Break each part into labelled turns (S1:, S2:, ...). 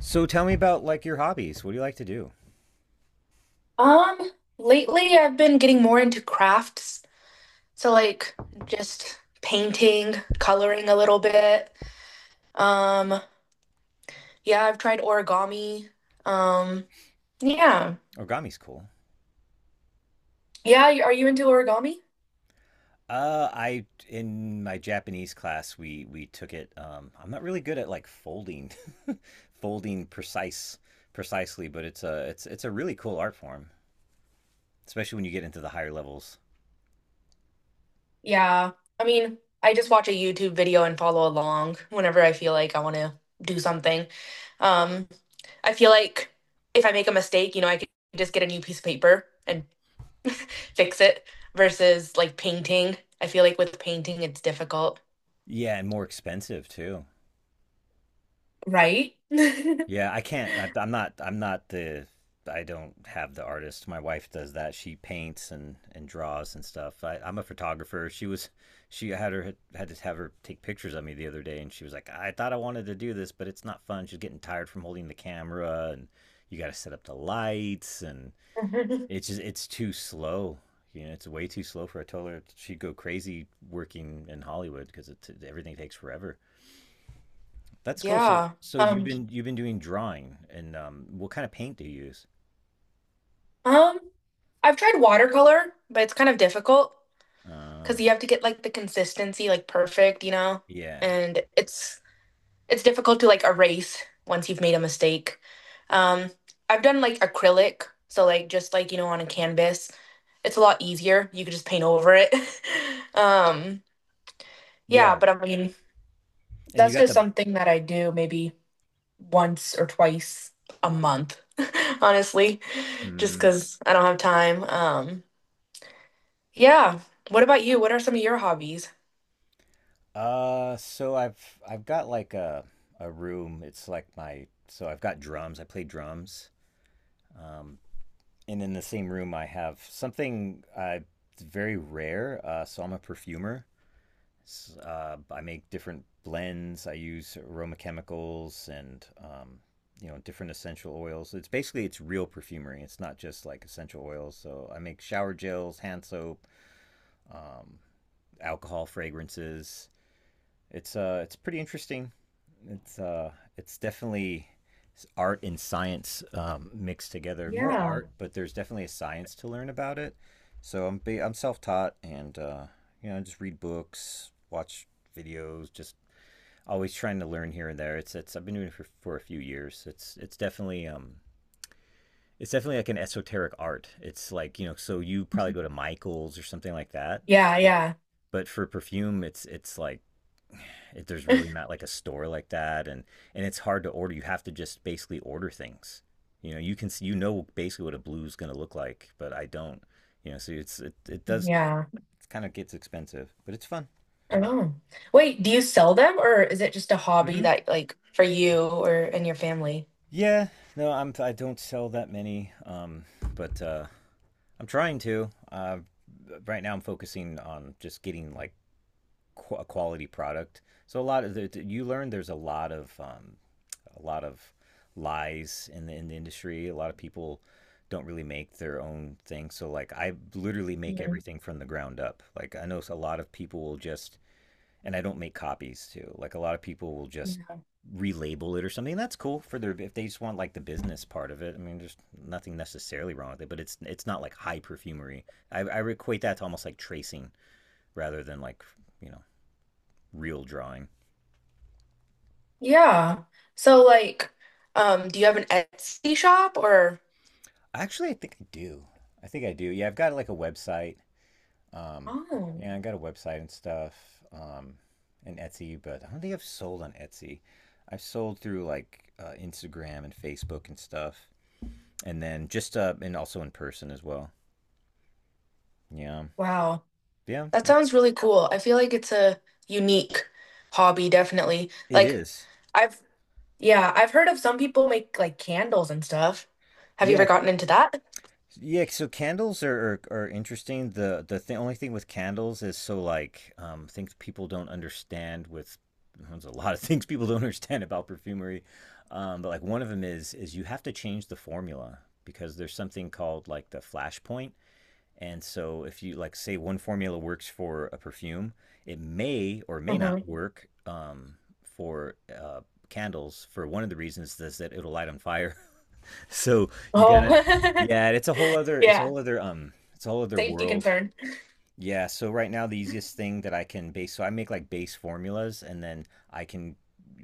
S1: So tell me about like your hobbies. What do you like to do?
S2: Um, Lately I've been getting more into crafts. So like just painting, coloring a little bit. Um, yeah, I've tried origami. Um, yeah.
S1: Origami's cool.
S2: Yeah, are you into origami?
S1: I In my Japanese class we took it. I'm not really good at like folding, folding precisely, but it's a really cool art form, especially when you get into the higher levels.
S2: Yeah. I mean, I just watch a YouTube video and follow along whenever I feel like I want to do something. Um, I feel like if I make a mistake, I could just get a new piece of paper and fix it versus like painting. I feel like with painting it's difficult.
S1: Yeah, and more expensive too.
S2: Right?
S1: Yeah, I can't. I'm not. I'm not the. I don't have the artist. My wife does that. She paints and draws and stuff. I'm a photographer. She was. She had to have her take pictures of me the other day, and she was like, "I thought I wanted to do this, but it's not fun." She's getting tired from holding the camera, and you got to set up the lights, and it's just it's too slow. You know, it's way too slow for a toddler. She'd go crazy working in Hollywood because everything takes forever. That's cool. So
S2: Yeah.
S1: so you've
S2: Um,
S1: been you've been doing drawing, and what kind of paint do you use?
S2: um, I've tried watercolor, but it's kind of difficult because
S1: Uh
S2: you have to get like the consistency like perfect, you know?
S1: yeah.
S2: And it's difficult to like erase once you've made a mistake. Um, I've done like acrylic, so like just like, you know, on a canvas. It's a lot easier. You could just paint over it. Um,
S1: Yeah.
S2: yeah, but I mean,
S1: And you
S2: that's
S1: got
S2: just
S1: the.
S2: something that I do maybe once or twice a month, honestly, just
S1: mm,
S2: because I don't have time. Yeah. What about you? What are some of your hobbies?
S1: so I've got like a room. It's like my so I've got drums. I play drums. Um and in the same room I have something. It's very rare. So I'm a perfumer. I make different blends. I use aroma chemicals and, different essential oils. It's basically it's real perfumery. It's not just like essential oils. So I make shower gels, hand soap, um, alcohol fragrances. It's pretty interesting. It's definitely art and science, mixed together. More
S2: Yeah.
S1: art, but there's definitely a science to learn about it. So I'm self taught and, I just read books, watch videos, just always trying to learn here and there. It's I've been doing it for a few years. It's definitely like an esoteric art. It's like, so you probably go to Michaels or something like that.
S2: Yeah, yeah.
S1: But for perfume, there's really not like a store like that, and it's hard to order. You have to just basically order things. You know, you can see, basically what a blue is going to look like, but I don't. You know, so it's it, it does
S2: Yeah.
S1: it kind of gets expensive, but it's fun.
S2: Oh. Wait, do you sell them or is it just a hobby
S1: Mm-hmm.
S2: that like for you or and your family?
S1: Yeah, no, I don't sell that many, but I'm trying to. Right now, I'm focusing on just getting like a quality product. So a lot of the, you learn there's a lot of, a lot of lies in the industry. A lot of people don't really make their own thing. So like I literally make
S2: Mhm.
S1: everything from the ground up. Like I know a lot of people will just. And I don't make copies too. Like a lot of people will just
S2: Yeah.
S1: relabel it or something. That's cool for their if they just want like the business part of it. I mean, there's nothing necessarily wrong with it, but it's not like high perfumery. I equate that to almost like tracing rather than, you know real drawing.
S2: Yeah. So like, do you have an Etsy shop or?
S1: Actually, I think I do. I think I do. Yeah, I've got like a website. Um,
S2: Oh,
S1: yeah, I got a website and stuff. Um, and Etsy, but I don't think I've sold on Etsy. I've sold through like, Instagram and Facebook and stuff, and then just, and also in person as well. Yeah,
S2: wow.
S1: yeah,
S2: That sounds really cool. I feel like it's a unique hobby, definitely.
S1: it
S2: Like,
S1: is.
S2: I've, yeah, I've heard of some people make like candles and stuff. Have you
S1: Yeah,
S2: ever gotten into that?
S1: yeah. So candles are interesting. The only thing with candles is, so like, things people don't understand with, there's a lot of things people don't understand about perfumery. But like one of them is you have to change the formula because there's something called like the flash point. And so, if you like, say one formula works for a perfume, it may or may
S2: Hmm.
S1: not work, for candles, for one of the reasons is that it'll light on fire. So you gotta,
S2: Oh,
S1: yeah, it's a whole other, it's a
S2: yeah.
S1: whole other, it's a whole other
S2: Safety
S1: world.
S2: concern.
S1: Yeah. So right now, the easiest thing that I can base, so I make like base formulas, and then I can,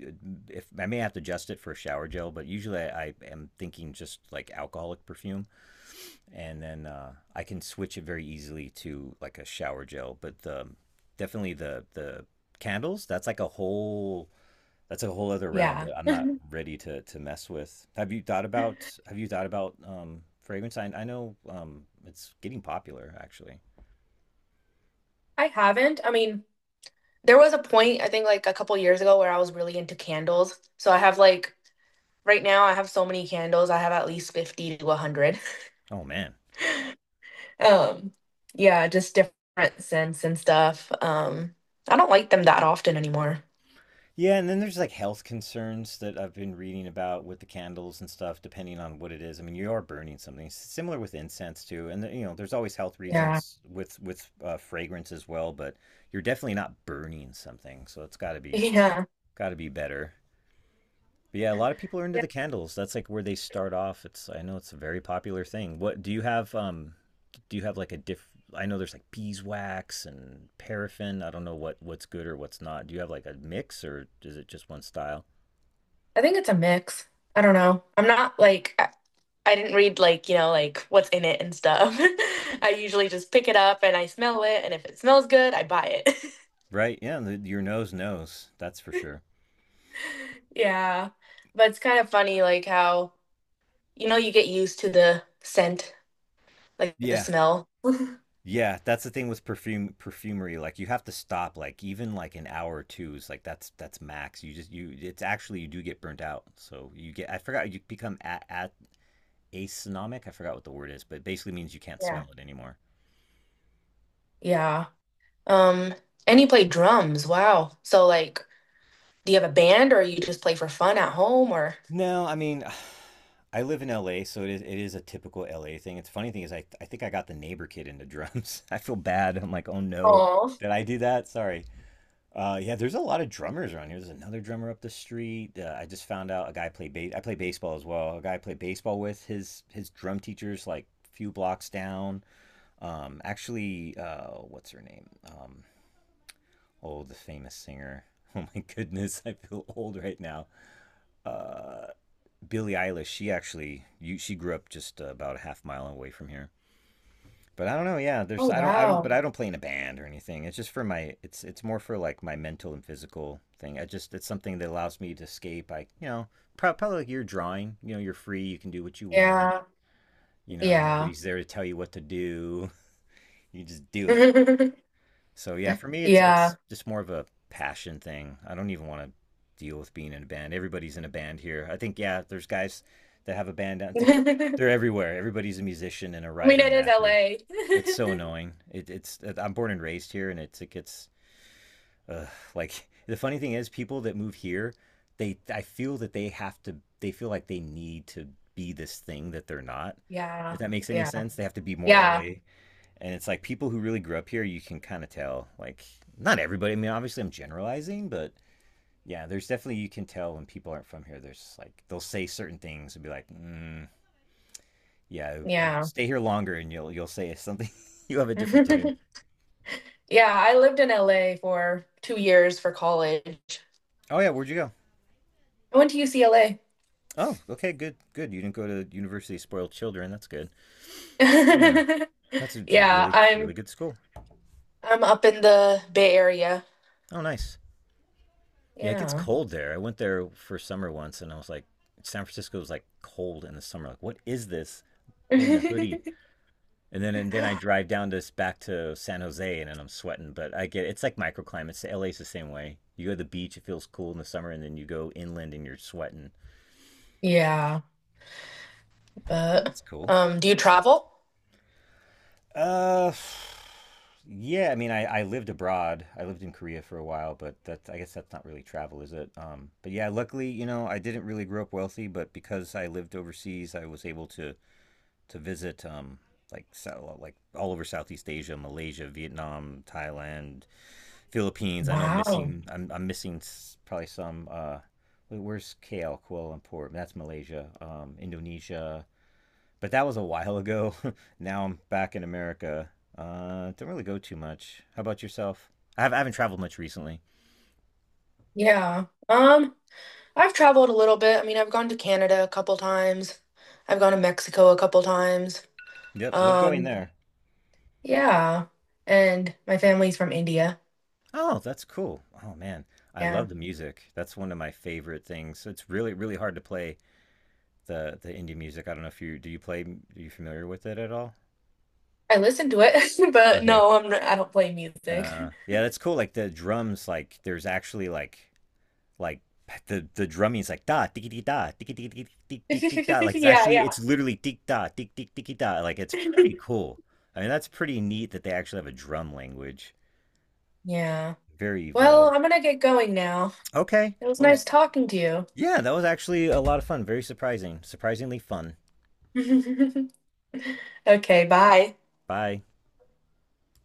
S1: uh, if I may have to adjust it for a shower gel, but usually I am thinking just like alcoholic perfume, and then I can switch it very easily to like a shower gel. But the, definitely the candles, that's like a whole that's a whole other realm
S2: Yeah.
S1: that I'm not ready to mess with. Have you thought about Have you thought about fragrance? I know, it's getting popular actually.
S2: I haven't. I mean, there was a point, I think like a couple years ago, where I was really into candles. So I have like, right now, I have so many candles. I have at least 50 to 100.
S1: Oh man.
S2: Um, yeah, just different scents and stuff. I don't like them that often anymore.
S1: Yeah, and then there's like health concerns that I've been reading about with the candles and stuff, depending on what it is. I mean, you are burning something. It's similar with incense too, and, there's always health
S2: Yeah.
S1: reasons with, fragrance as well. But you're definitely not burning something, so it's got to be
S2: Yeah.
S1: got to be better. But yeah, a lot of people are into
S2: Yeah.
S1: the candles. That's like where they start off. It's I know it's a very popular thing. What do you have? Do you have like a diff? I know there's like beeswax and paraffin. I don't know what's good or what's not. Do you have like a mix or is it just one style?
S2: I think it's a mix. I don't know. I didn't read like, you know, like what's in it and stuff. I usually just pick it up and I smell it, and if it smells good, I buy it.
S1: Right? Yeah, your nose knows. That's for sure.
S2: Yeah. But it's kind of funny like how, you know, you get used to the scent, like the
S1: Yeah.
S2: smell.
S1: Yeah, that's the thing with perfumery. Like you have to stop like, even like an hour or two is like that's max. You just you It's actually you do get burnt out. So you get, I forgot, you become at asonomic. I forgot what the word is, but it basically means you can't
S2: Yeah.
S1: smell it anymore.
S2: Yeah. Um, and you play drums. Wow. So like do you have a band or you just play for fun at home or?
S1: No, I mean, I live in LA, so it is a typical LA thing. It's funny thing is I think I got the neighbor kid into drums. I feel bad. I'm like, "Oh no,
S2: Oh,
S1: did I do that? Sorry." Yeah, there's a lot of drummers around here. There's another drummer up the street. I just found out a guy played ba- I play baseball as well. A guy I played baseball with, his drum teacher's like a few blocks down. Actually, what's her name? Oh, the famous singer. Oh my goodness, I feel old right now. Uh, Billie Eilish. She she grew up just about a half mile away from here. But I don't know. Yeah, there's
S2: oh
S1: I don't but
S2: wow.
S1: I don't play in a band or anything. It's more for like my mental and physical thing. I just It's something that allows me to escape. I, probably like you're drawing. You know you're free. You can do what you want.
S2: Yeah.
S1: You know
S2: Yeah.
S1: nobody's there to tell you what to do. You just do it. So yeah, for me it's
S2: Yeah.
S1: just more of a passion thing. I don't even want to deal with being in a band. Everybody's in a band here. I think, yeah, there's guys that have a band. Out- There's
S2: I
S1: They're everywhere. Everybody's a musician and a
S2: mean,
S1: writer
S2: it
S1: and
S2: is
S1: actor.
S2: LA.
S1: It's so annoying. It, it's I'm born and raised here, and it gets, uh, like the funny thing is people that move here, they I feel that they have to they feel like they need to be this thing that they're not. If
S2: Yeah.
S1: that makes any
S2: Yeah.
S1: sense, they have to be more
S2: Yeah.
S1: LA. And it's like people who really grew up here, you can kind of tell. Like not everybody. I mean, obviously I'm generalizing, but yeah, there's definitely you can tell when people aren't from here. There's like they'll say certain things and be like, yeah, you
S2: Yeah.
S1: stay here longer and you'll say something. You'll have a different tune.
S2: Yeah, I lived in LA for 2 years for college.
S1: Oh yeah, where'd you go?
S2: I went to UCLA.
S1: Oh, okay, good, good. You didn't go to University of Spoiled Children. That's good. Yeah. That's a
S2: Yeah,
S1: really, really
S2: I'm
S1: good school.
S2: I'm up in the Bay Area.
S1: Oh, nice. Yeah, it gets
S2: Yeah.
S1: cold there. I went there for summer once, and I was like, San Francisco was like cold in the summer. Like, what is this? Wearing a hoodie, and then I drive down this back to San Jose, and then I'm sweating. But I get it's like microclimates. LA's the same way. You go to the beach, it feels cool in the summer, and then you go inland, and you're sweating.
S2: Yeah, but
S1: It's cool.
S2: do you travel?
S1: Uh, yeah. I mean, I lived abroad. I lived in Korea for a while, but that's I guess that's not really travel, is it? But yeah, luckily, I didn't really grow up wealthy, but because I lived overseas, I was able to visit, like, like all over Southeast Asia, Malaysia, Vietnam, Thailand, Philippines. I know I'm
S2: Wow.
S1: missing. I'm missing probably some. Wait, where's KL, Kuala Lumpur? That's Malaysia. Indonesia, but that was a while ago. Now I'm back in America. Don't really go too much. How about yourself? I haven't traveled much recently.
S2: Yeah. I've traveled a little bit. I mean, I've gone to Canada a couple times. I've gone to Mexico a couple times.
S1: Yep, love going
S2: Um,
S1: there.
S2: yeah. And my family's from India.
S1: Oh, that's cool. Oh man, I
S2: Yeah.
S1: love the music. That's one of my favorite things. It's really really hard to play the indie music. I don't know if you, do you play? Are you familiar with it at all?
S2: I listen to it, but
S1: Okay.
S2: I don't play music.
S1: Yeah, that's cool. Like the drums, like there's actually like the drumming is like da tiki tiki tiki da, like it's
S2: Yeah,
S1: actually
S2: yeah.
S1: it's literally tick da tick tick tiki da, like it's pretty cool. I mean that's pretty neat that they actually have a drum language.
S2: Yeah.
S1: Very
S2: Well,
S1: evolved.
S2: I'm gonna get going now.
S1: Okay.
S2: It was
S1: Well,
S2: nice talking to
S1: yeah, that was actually a lot of fun. Very surprising. Surprisingly fun.
S2: you. Okay, bye.
S1: Bye.